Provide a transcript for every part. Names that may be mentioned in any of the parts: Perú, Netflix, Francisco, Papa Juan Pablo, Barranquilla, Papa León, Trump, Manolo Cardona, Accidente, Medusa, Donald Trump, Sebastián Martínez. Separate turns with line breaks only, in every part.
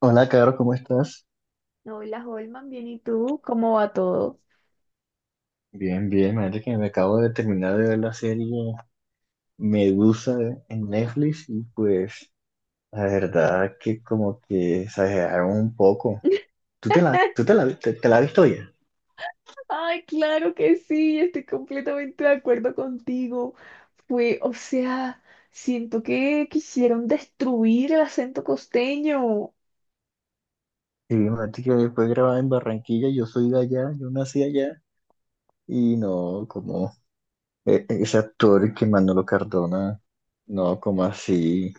Hola, Caro, ¿cómo estás?
Hola, Holman, bien, ¿y tú? ¿Cómo va todo?
Bien, bien, imagínate que me acabo de terminar de ver la serie Medusa en Netflix y pues la verdad que como que exageraron un poco. Tú te la, te la has visto ya?
Ay, claro que sí, estoy completamente de acuerdo contigo. O sea, siento que quisieron destruir el acento costeño.
Sí, imagínate que fue grabada en Barranquilla, yo soy de allá, yo nací allá y no, como ese actor que Manolo Cardona, no, como así,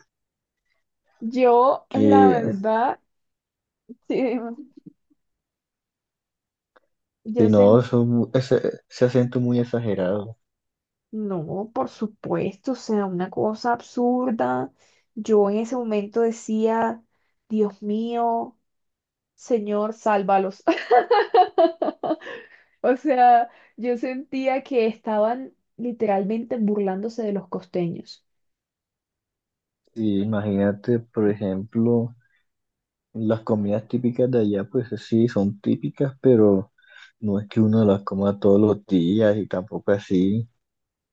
Yo, la
que
verdad, sí, yo
si no,
sentí,
eso ese, ese acento muy exagerado.
no, por supuesto, o sea, una cosa absurda. Yo en ese momento decía, Dios mío, Señor, sálvalos. O sea, yo sentía que estaban literalmente burlándose de los costeños.
Y imagínate, por ejemplo, las comidas típicas de allá, pues sí, son típicas, pero no es que uno las coma todos los días y tampoco así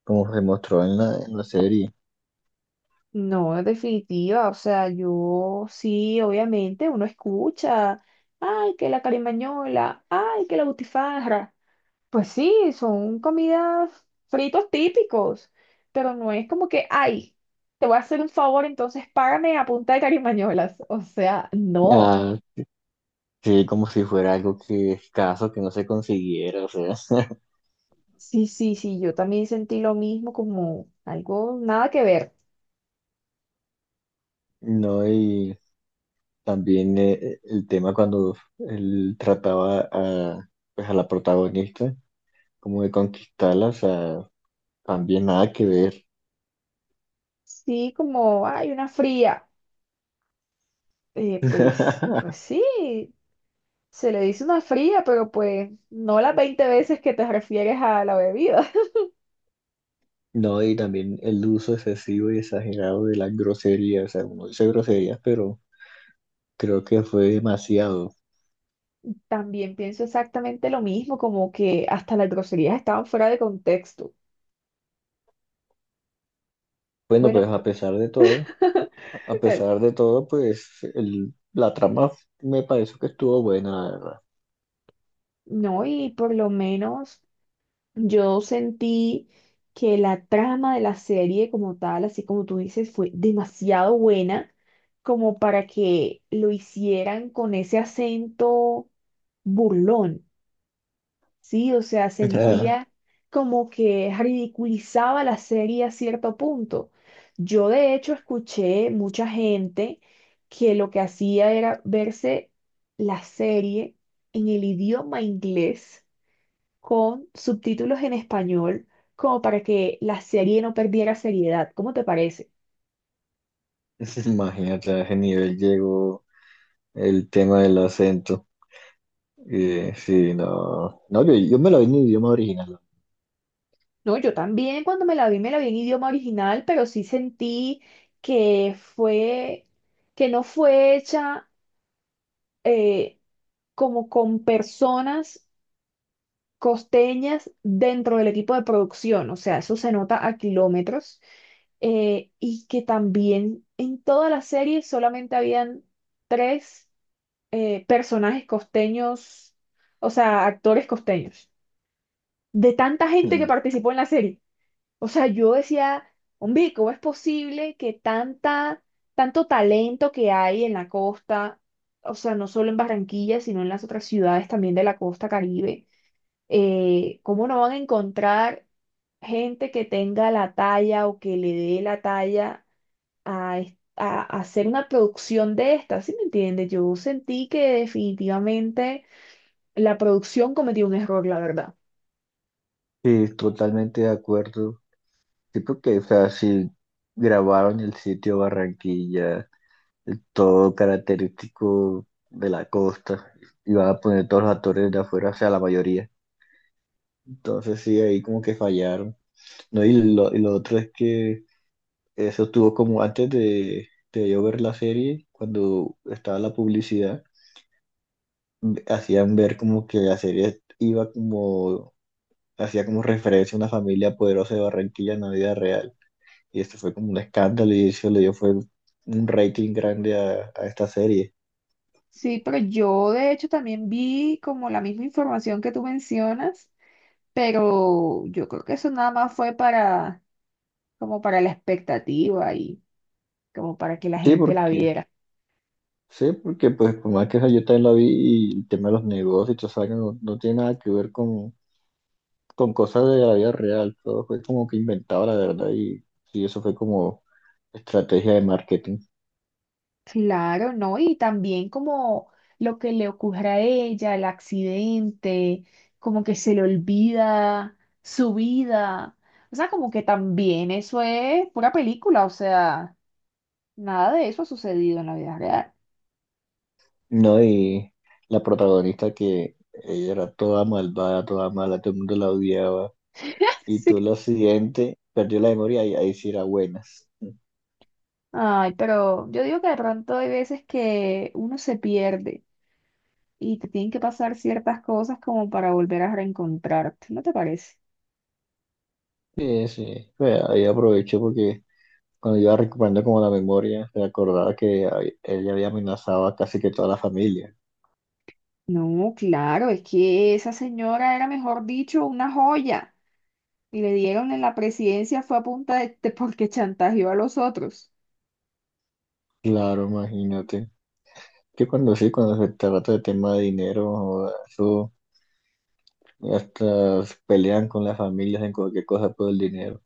como se mostró en la serie.
No, en definitiva, o sea, yo sí, obviamente, uno escucha, ay, que la carimañola, ay, que la butifarra. Pues sí, son comidas fritos típicos, pero no es como que, ay, te voy a hacer un favor, entonces págame a punta de carimañolas. O sea, no.
Ah, sí, como si fuera algo que escaso, que no se consiguiera, o sea,
Sí, sí, sí, yo también sentí lo mismo como algo, nada que ver.
no, y también el tema cuando él trataba a, pues, a la protagonista, como de conquistarla, o sea, también nada que ver.
Sí, como, hay una fría. Eh, pues, pues sí, se le dice una fría, pero pues no las 20 veces que te refieres a la bebida.
No, y también el uso excesivo y exagerado de las groserías. O sea, uno dice groserías, pero creo que fue demasiado.
También pienso exactamente lo mismo, como que hasta las groserías estaban fuera de contexto.
Bueno,
Bueno,
a pesar de todo, pues la trama me pareció que estuvo buena, la
no, y por lo menos yo sentí que la trama de la serie como tal, así como tú dices, fue demasiado buena como para que lo hicieran con ese acento burlón. Sí, o sea,
verdad.
sentía como que ridiculizaba la serie a cierto punto. Yo de hecho escuché mucha gente que lo que hacía era verse la serie en el idioma inglés con subtítulos en español, como para que la serie no perdiera seriedad. ¿Cómo te parece?
O sea, imagínate a ese nivel llegó el tema del acento. Sí, no. No, yo me lo vi en idioma original.
No, yo también cuando me la vi en idioma original, pero sí sentí que fue, que no fue hecha eh, como con personas costeñas dentro del equipo de producción, o sea, eso se nota a kilómetros, y que también en toda la serie solamente habían 3 personajes costeños, o sea, actores costeños, de tanta gente que
Mm.
participó en la serie. O sea, yo decía, hombre, ¿cómo es posible que tanto talento que hay en la costa, o sea, no solo en Barranquilla, sino en las otras ciudades también de la costa Caribe? ¿Cómo no van a encontrar gente que tenga la talla o que le dé la talla a hacer una producción de esta? ¿Sí me entiendes? Yo sentí que definitivamente la producción cometió un error, la verdad.
Sí, totalmente de acuerdo. Sí, porque, o sea, si grabaron el sitio Barranquilla todo característico de la costa. Iban a poner todos los actores de afuera, o sea, la mayoría. Entonces sí, ahí como que fallaron. No, y lo otro es que eso estuvo como antes de yo ver la serie, cuando estaba la publicidad, hacían ver como que la serie iba como, hacía como referencia a una familia poderosa de Barranquilla en la vida real. Y esto fue como un escándalo y eso le dio fue un rating grande a esta serie.
Sí, pero yo de hecho también vi como la misma información que tú mencionas, pero yo creo que eso nada más fue para, como para la expectativa y como para que la
Sí,
gente la
porque
viera.
Sí, porque pues por más que esa yo también la vi y el tema de los negocios y todo eso, no, no tiene nada que ver con cosas de la vida real, todo fue como que inventado la verdad y sí, eso fue como estrategia de marketing,
Claro, ¿no? Y también como lo que le ocurre a ella, el accidente, como que se le olvida su vida. O sea, como que también eso es pura película, o sea, nada de eso ha sucedido en la vida real.
¿no? Y la protagonista que ella era toda malvada, toda mala, todo el mundo la odiaba y todo lo
Sí.
siguiente, perdió la memoria y ahí sí era buenas.
Ay, pero yo digo que de pronto hay veces que uno se pierde y te tienen que pasar ciertas cosas como para volver a reencontrarte, ¿no te parece?
Sí, sí, pues, ahí aproveché porque cuando iba recuperando como la memoria, me acordaba que ella había amenazado a casi que toda la familia.
No, claro, es que esa señora era, mejor dicho, una joya. Y le dieron en la presidencia fue a punta porque chantajeó a los otros.
Claro, imagínate. Que cuando sí, cuando se trata de tema de dinero, joda, eso hasta se pelean con las familias en cualquier cosa por el dinero.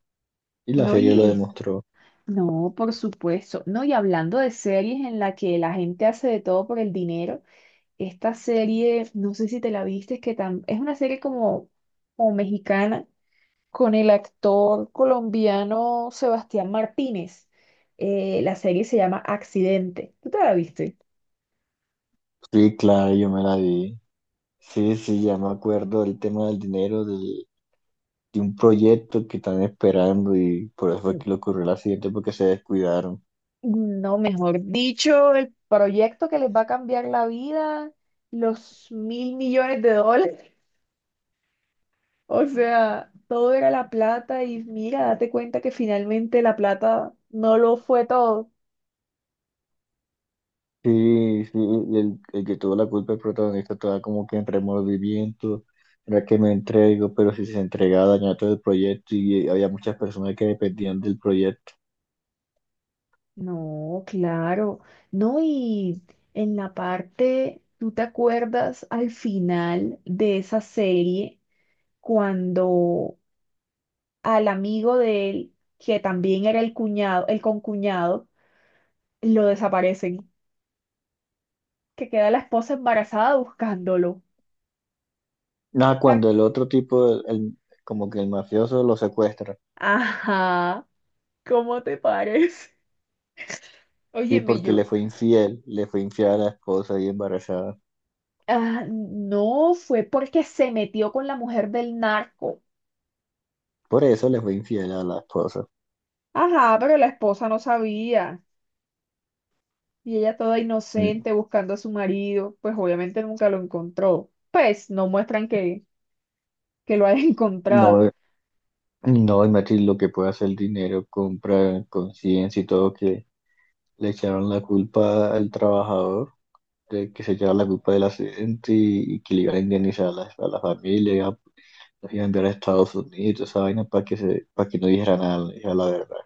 Y la
No,
serie lo
y
demostró.
no, por supuesto. No, y hablando de series en la que la gente hace de todo por el dinero, esta serie, no sé si te la viste, es que es una serie como mexicana con el actor colombiano Sebastián Martínez. La serie se llama Accidente. ¿Tú te la viste?
Sí, claro, yo me la vi. Sí, sí, ya me acuerdo del tema del dinero, de un proyecto que están esperando y por eso fue que le ocurrió el accidente porque se descuidaron.
No, mejor dicho, el proyecto que les va a cambiar la vida, los 1.000 millones de dólares. O sea, todo era la plata y mira, date cuenta que finalmente la plata no lo fue todo.
Sí, sí, el que tuvo la culpa, el protagonista, estaba como que en remordimiento, era que me entrego, pero si se entregaba dañaba todo el proyecto y había muchas personas que dependían del proyecto.
No, claro. No, y en la parte, ¿tú te acuerdas al final de esa serie cuando al amigo de él, que también era el cuñado, el concuñado, lo desaparecen? Que queda la esposa embarazada buscándolo.
Nada,
Tac.
cuando el otro tipo, como que el mafioso lo secuestra,
Ajá, ¿cómo te parece?
sí,
Óyeme
porque
yo.
le fue infiel a la esposa y embarazada.
Ah, no, fue porque se metió con la mujer del narco.
Por eso le fue infiel a la esposa.
Ajá, pero la esposa no sabía. Y ella toda
Mm.
inocente buscando a su marido, pues obviamente nunca lo encontró. Pues no muestran que, lo haya encontrado.
No, no, Matilde, lo que puede hacer el dinero, compra conciencia y todo, que le echaron la culpa al trabajador, de que se lleva la culpa del accidente y que le iban a indemnizar a a la familia, los iba a enviar a Estados Unidos, esa vaina para que se, para que no dijera nada, no dijera la verdad.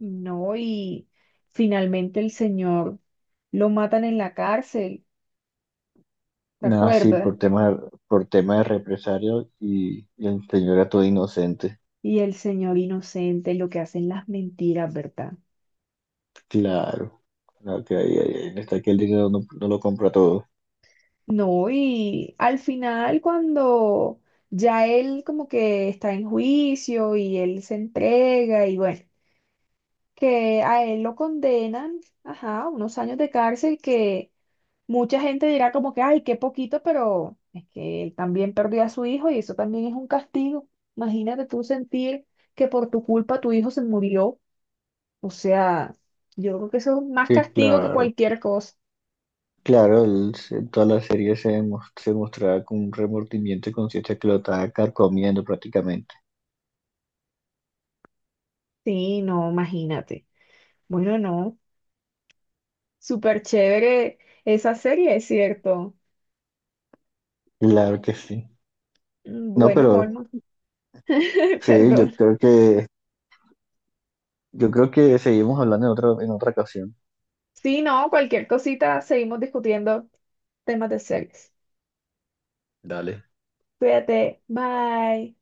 No, y finalmente el señor lo matan en la cárcel, ¿te
Nada, sí,
acuerdas?
por tema de represario y el señor era todo inocente.
Y el señor inocente, lo que hacen las mentiras, ¿verdad?
Claro, ahí está que el dinero no, no lo compra todo.
No, y al final cuando ya él como que está en juicio y él se entrega y bueno, que a él lo condenan, ajá, unos años de cárcel que mucha gente dirá como que, ay, qué poquito, pero es que él también perdió a su hijo y eso también es un castigo. Imagínate tú sentir que por tu culpa tu hijo se murió. O sea, yo creo que eso es más
Sí,
castigo que
claro.
cualquier cosa.
Claro, en toda la serie se mostraba con un remordimiento y conciencia que lo estaba carcomiendo prácticamente.
Sí, no, imagínate. Bueno, no, súper chévere esa serie, es cierto.
Claro que sí.
Mm,
No,
bueno,
pero
Holman,
sí,
perdón.
yo creo que seguimos hablando en otra ocasión.
Sí, no, cualquier cosita, seguimos discutiendo temas de series.
Dale.
Cuídate, bye.